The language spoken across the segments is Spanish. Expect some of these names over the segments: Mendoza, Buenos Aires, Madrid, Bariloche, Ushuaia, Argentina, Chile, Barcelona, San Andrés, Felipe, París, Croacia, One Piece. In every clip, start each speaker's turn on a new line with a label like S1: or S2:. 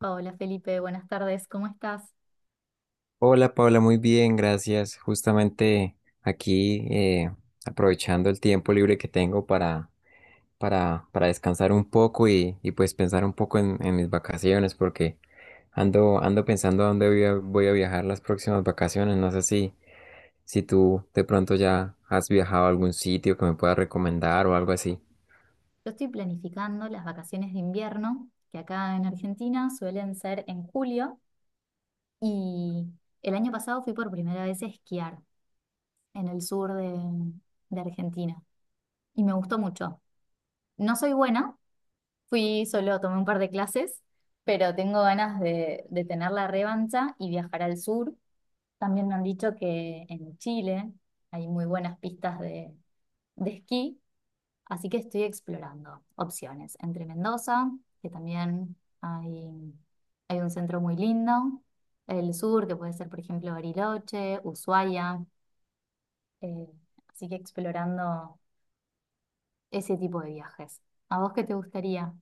S1: Hola Felipe, buenas tardes, ¿cómo estás?
S2: Hola Paula, muy bien, gracias. Justamente aquí aprovechando el tiempo libre que tengo para descansar un poco y pues pensar un poco en mis vacaciones porque ando pensando a dónde voy a viajar las próximas vacaciones. No sé si tú de pronto ya has viajado a algún sitio que me puedas recomendar o algo así.
S1: Yo estoy planificando las vacaciones de invierno, que acá en Argentina suelen ser en julio, y el año pasado fui por primera vez a esquiar en el sur de Argentina y me gustó mucho. No soy buena, fui solo, tomé un par de clases, pero tengo ganas de tener la revancha y viajar al sur. También me han dicho que en Chile hay muy buenas pistas de esquí. Así que estoy explorando opciones entre Mendoza, que también hay, hay un centro muy lindo, el sur, que puede ser, por ejemplo, Bariloche, Ushuaia. eh, Así que explorando ese tipo de viajes. ¿A vos qué te gustaría?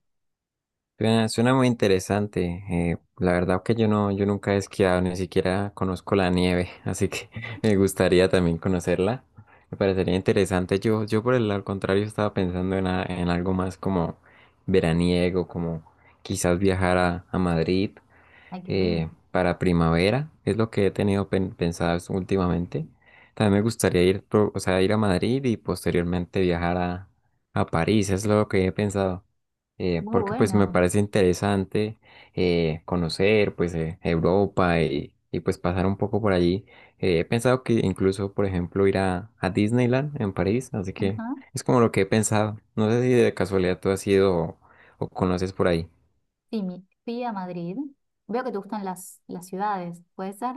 S2: Suena muy interesante. La verdad que yo nunca he esquiado, ni siquiera conozco la nieve, así que me gustaría también conocerla. Me parecería interesante. Yo por el al contrario estaba pensando en en algo más como veraniego, como quizás viajar a Madrid
S1: Ay, qué lindo.
S2: para primavera, es lo que he tenido pensado últimamente. También me gustaría o sea, ir a Madrid y posteriormente viajar a París, es lo que he pensado.
S1: Muy
S2: Porque pues me
S1: bueno.
S2: parece interesante conocer Europa y pues pasar un poco por allí. He pensado que incluso, por ejemplo, ir a Disneyland en París, así que
S1: Ajá.
S2: es como lo que he pensado. No sé si de casualidad tú has ido o conoces por ahí.
S1: Sí, fui a Madrid. Veo que te gustan las ciudades, ¿puede ser?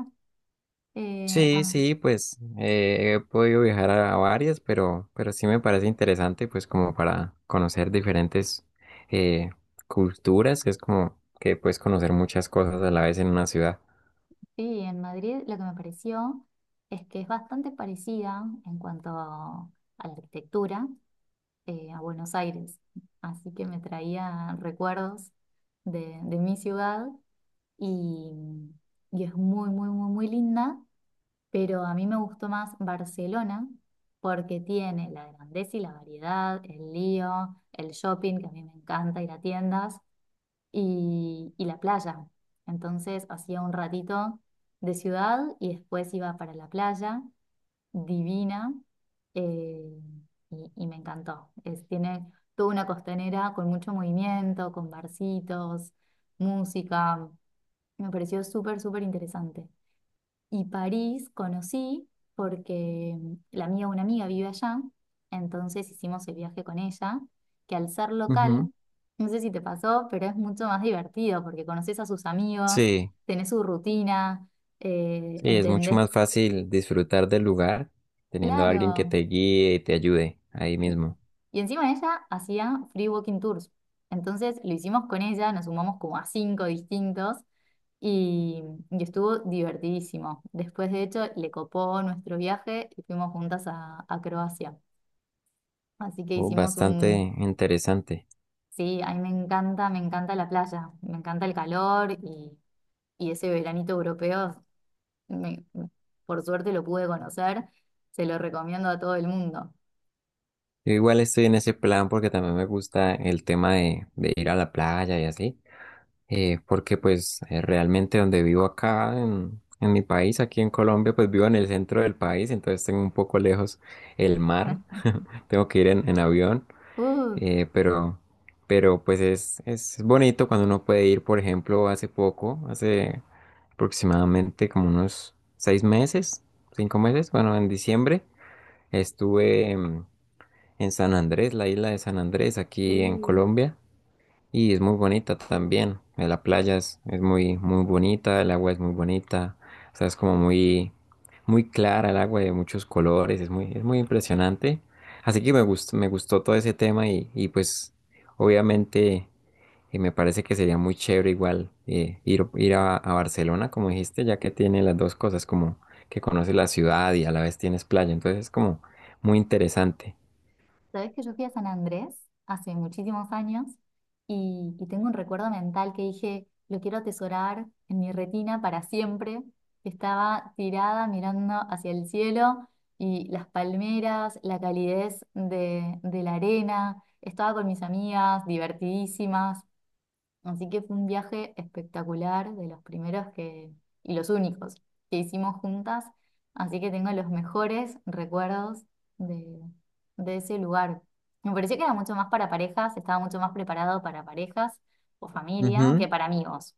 S1: Eh,
S2: Sí,
S1: ah,
S2: sí, he podido viajar a varias, pero sí me parece interesante, pues como para conocer diferentes eh, culturas, que es como que puedes conocer muchas cosas a la vez en una ciudad.
S1: Sí, en Madrid lo que me pareció es que es bastante parecida en cuanto a la arquitectura, a Buenos Aires, así que me traía recuerdos de mi ciudad y, y es muy, muy, muy, muy linda, pero a mí me gustó más Barcelona porque tiene la grandeza y la variedad, el lío, el shopping, que a mí me encanta ir a tiendas y la playa. Entonces hacía un ratito de ciudad y después iba para la playa, divina, eh, y me encantó. Tiene toda una costanera con mucho movimiento, con barcitos, música. Me pareció súper, súper interesante. Y París conocí porque la amiga de una amiga vive allá, entonces hicimos el viaje con ella, que al ser
S2: Ujú.
S1: local, no sé si te pasó, pero es mucho más divertido porque conoces a sus amigos,
S2: Sí,
S1: tenés su rutina,
S2: sí, es mucho
S1: entendés,
S2: más fácil disfrutar del lugar teniendo a alguien que
S1: claro,
S2: te guíe y te ayude ahí
S1: Y,
S2: mismo.
S1: y encima ella hacía free walking tours. Entonces lo hicimos con ella, nos sumamos como a cinco distintos y, y estuvo divertidísimo. Después, de hecho, le copó nuestro viaje y fuimos juntas a Croacia. Así que
S2: Oh,
S1: hicimos
S2: bastante
S1: un...
S2: interesante.
S1: Sí, a mí me encanta la playa, me encanta el calor y ese veranito europeo, me- por suerte lo pude conocer, se lo recomiendo a todo el mundo.
S2: Yo igual estoy en ese plan porque también me gusta el tema de ir a la playa y así. Porque pues realmente donde vivo acá en mi país, aquí en Colombia, pues vivo en el centro del país, entonces tengo un poco lejos el mar, tengo que ir en avión,
S1: Uh,
S2: eh, pero, pero pues es bonito cuando uno puede ir, por ejemplo, hace poco, hace aproximadamente como unos 6 meses, 5 meses, bueno, en diciembre estuve en San Andrés, la isla de San Andrés, aquí en
S1: sí.
S2: Colombia. Y es muy bonita también. Eh, la playa es muy, muy bonita, el agua es muy bonita. O sea, es como muy, muy clara el agua de muchos colores. Es muy impresionante. Así que me gustó todo ese tema y pues obviamente me parece que sería muy chévere igual ir a Barcelona, como dijiste, ya que tiene las dos cosas, como que conoces la ciudad y a la vez tienes playa. Entonces es como muy interesante.
S1: Sabes que yo fui a San Andrés hace muchísimos años y tengo un recuerdo mental que dije, lo quiero atesorar en mi retina para siempre. Estaba tirada mirando hacia el cielo y las palmeras, la calidez de la arena. Estaba con mis amigas, divertidísimas. Así que fue un viaje espectacular, de los primeros que, y los únicos que hicimos juntas. Así que tengo los mejores recuerdos de, de ese lugar. Me pareció que era mucho más para parejas, estaba mucho más preparado para parejas o familia
S2: Ujú.
S1: que para amigos.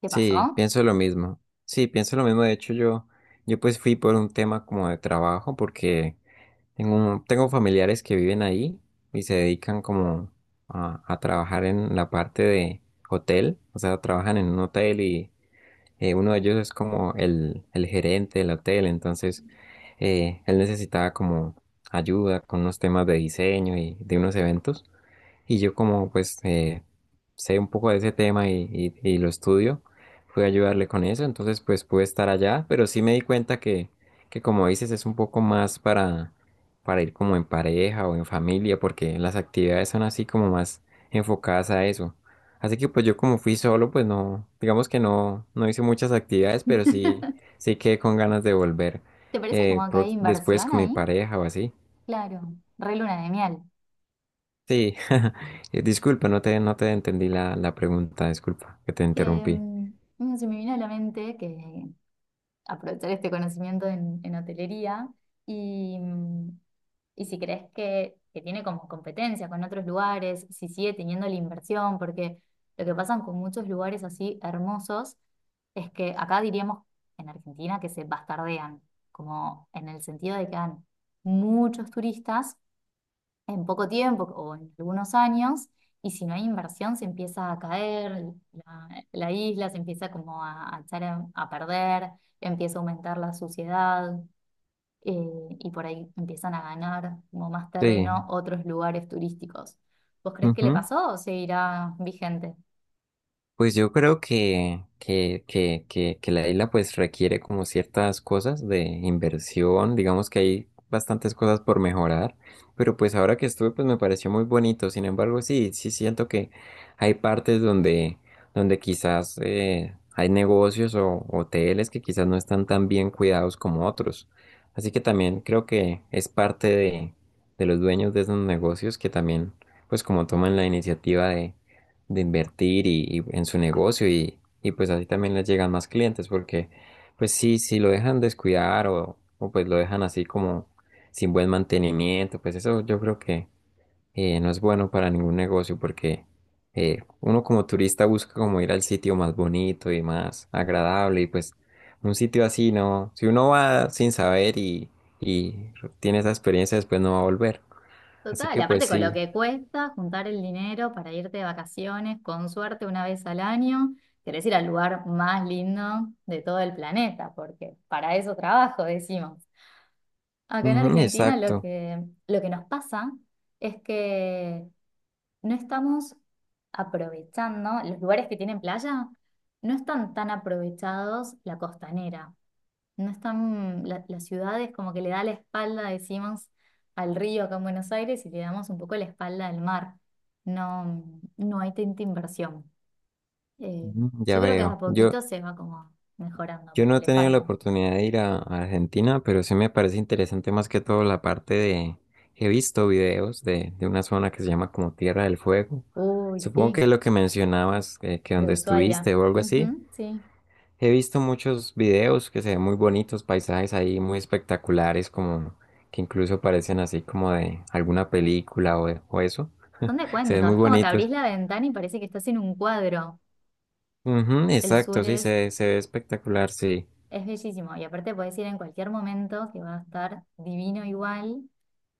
S1: ¿Qué
S2: Sí,
S1: pasó?
S2: pienso lo mismo. Sí, pienso lo mismo. De hecho, yo pues fui por un tema como de trabajo, porque tengo, tengo familiares que viven ahí y se dedican como a trabajar en la parte de hotel. O sea, trabajan en un hotel y uno de ellos es como el gerente del hotel. Entonces, él necesitaba como ayuda con unos temas de diseño y de unos eventos. Y yo como sé un poco de ese tema y lo estudio, fui a ayudarle con eso, entonces pues pude estar allá, pero sí me di cuenta que como dices es un poco más para ir como en pareja o en familia, porque las actividades son así como más enfocadas a eso. Así que pues yo como fui solo, pues no, digamos que no, no hice muchas actividades, pero sí, sí quedé con ganas de volver
S1: ¿Te parece como que hay
S2: después
S1: inversión
S2: con mi
S1: ahí?
S2: pareja o así.
S1: Claro, re luna de miel.
S2: Sí, disculpa, no te entendí la pregunta, disculpa que te
S1: Que
S2: interrumpí.
S1: se me vino a la mente que aprovechar este conocimiento en hotelería y, y si crees que tiene como competencia con otros lugares, si sigue teniendo la inversión, porque lo que pasa con muchos lugares así hermosos es que acá diríamos en Argentina que se bastardean, como en el sentido de que dan muchos turistas en poco tiempo o en algunos años, y si no hay inversión se empieza a caer, la isla se empieza como a echar a perder, empieza a aumentar la suciedad, y por ahí empiezan a ganar como más
S2: Sí,
S1: terreno otros lugares turísticos. ¿Vos crees que le
S2: ujú.
S1: pasó o seguirá vigente?
S2: Pues yo creo que la isla pues requiere como ciertas cosas de inversión, digamos que hay bastantes cosas por mejorar, pero pues ahora que estuve pues me pareció muy bonito, sin embargo sí, sí siento que hay partes donde quizás hay negocios o hoteles que quizás no están tan bien cuidados como otros, así que también creo que es parte de los dueños de esos negocios que también pues como toman la iniciativa de invertir y en su negocio y pues así también les llegan más clientes porque pues sí, si lo dejan descuidar o pues lo dejan así como sin buen mantenimiento, pues eso yo creo que no es bueno para ningún negocio porque uno como turista busca como ir al sitio más bonito y más agradable y pues un sitio así no, si uno va sin saber y tiene esa experiencia después no va a volver. Así
S1: Total, y
S2: que pues
S1: aparte con lo
S2: sí,
S1: que cuesta juntar el dinero para irte de vacaciones, con suerte una vez al año, querés ir al lugar más lindo de todo el planeta, porque para eso trabajo, decimos. Acá en
S2: ujú,
S1: Argentina
S2: exacto,
S1: lo que nos pasa es que no estamos aprovechando, los lugares que tienen playa no están tan aprovechados la costanera. No están, la ciudad es como que le da la espalda, decimos, al río acá en Buenos Aires y le damos un poco la espalda al mar. No, no hay tanta inversión. Eh,
S2: ujú, ya
S1: yo creo que a
S2: veo. Yo,
S1: poquito se va como mejorando,
S2: Yo
S1: pero
S2: no he
S1: le
S2: tenido la
S1: falta.
S2: oportunidad de ir a Argentina, pero sí me parece interesante más que todo la parte de... He visto videos de una zona que se llama como Tierra del Fuego.
S1: Uy,
S2: Supongo que
S1: sí,
S2: es lo que mencionabas, que
S1: de
S2: donde
S1: Ushuaia.
S2: estuviste o algo así.
S1: Ujú, sí.
S2: He visto muchos videos que se ven muy bonitos, paisajes ahí muy espectaculares, como que incluso parecen así como de alguna película o eso.
S1: Son de
S2: Se ven
S1: cuento,
S2: muy
S1: es como que
S2: bonitos.
S1: abrís la ventana y parece que estás en un cuadro.
S2: Ujú,
S1: El
S2: exacto,
S1: sur
S2: sí, se ve espectacular, sí.
S1: es bellísimo y aparte podés ir en cualquier momento que va a estar divino igual.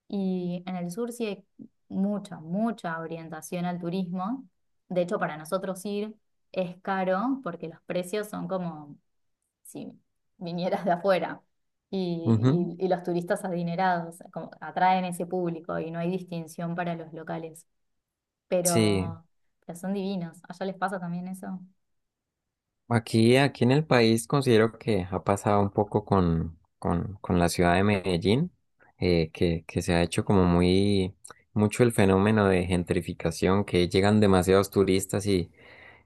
S1: Y en el sur sí hay mucha, mucha orientación al turismo. De hecho, para nosotros ir es caro porque los precios son como si vinieras de afuera.
S2: Ujú,
S1: Y, y los turistas adinerados como atraen ese público y no hay distinción para los locales.
S2: sí.
S1: Pero, pero son divinos. ¿Allá les pasa también eso?
S2: Aquí en el país considero que ha pasado un poco con la ciudad de Medellín, que se ha hecho como muy mucho el fenómeno de gentrificación, que llegan demasiados turistas y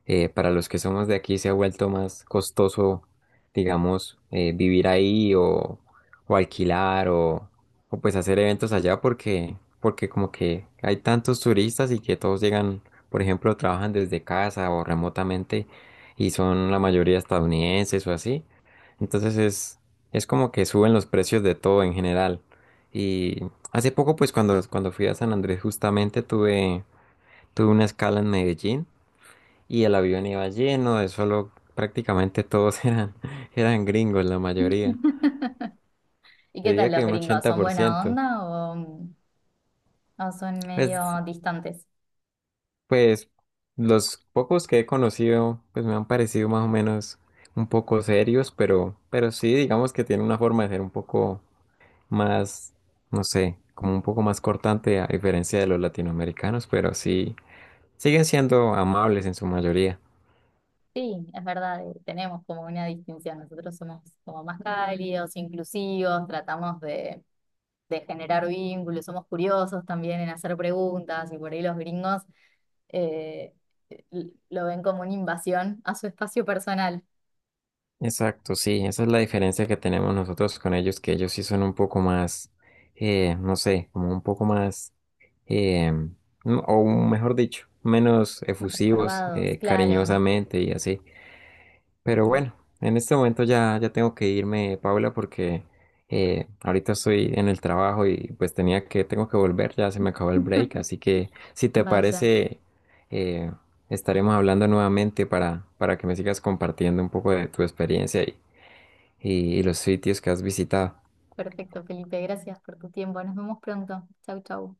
S2: para los que somos de aquí se ha vuelto más costoso, digamos, vivir ahí o alquilar o pues hacer eventos allá porque como que hay tantos turistas y que todos llegan, por ejemplo, trabajan desde casa o remotamente y son la mayoría estadounidenses o así. Entonces es como que suben los precios de todo en general. Y hace poco, pues cuando fui a San Andrés justamente tuve una escala en Medellín y el avión iba lleno de solo, prácticamente todos eran gringos, la mayoría.
S1: ¿Y qué
S2: Diría
S1: tal los
S2: que un
S1: gringos? ¿Son buena
S2: 80%.
S1: onda o son medio
S2: Pues,
S1: distantes?
S2: pues los pocos que he conocido, pues me han parecido más o menos un poco serios, pero sí, digamos que tienen una forma de ser un poco más, no sé, como un poco más cortante a diferencia de los latinoamericanos, pero sí, siguen siendo amables en su mayoría.
S1: Sí, es verdad, tenemos como una distinción. Nosotros somos como más cálidos, inclusivos, tratamos de generar vínculos, somos curiosos también en hacer preguntas y por ahí los gringos eh, lo ven como una invasión a su espacio personal.
S2: Exacto, sí, esa es la diferencia que tenemos nosotros con ellos, que ellos sí son un poco más, no sé, como un poco más, eh, o mejor dicho, menos
S1: Más
S2: efusivos,
S1: reservados, claro.
S2: cariñosamente y así. Pero
S1: Sí.
S2: bueno, en este momento ya tengo que irme, Paula, porque ahorita estoy en el trabajo y pues tengo que volver, ya se me acabó el break, así que si te
S1: Vaya,
S2: parece, eh, estaremos hablando nuevamente para que me sigas compartiendo un poco de tu experiencia y, y los sitios que has visitado.
S1: perfecto, Felipe, gracias por tu tiempo. Nos vemos pronto. Chau, chau.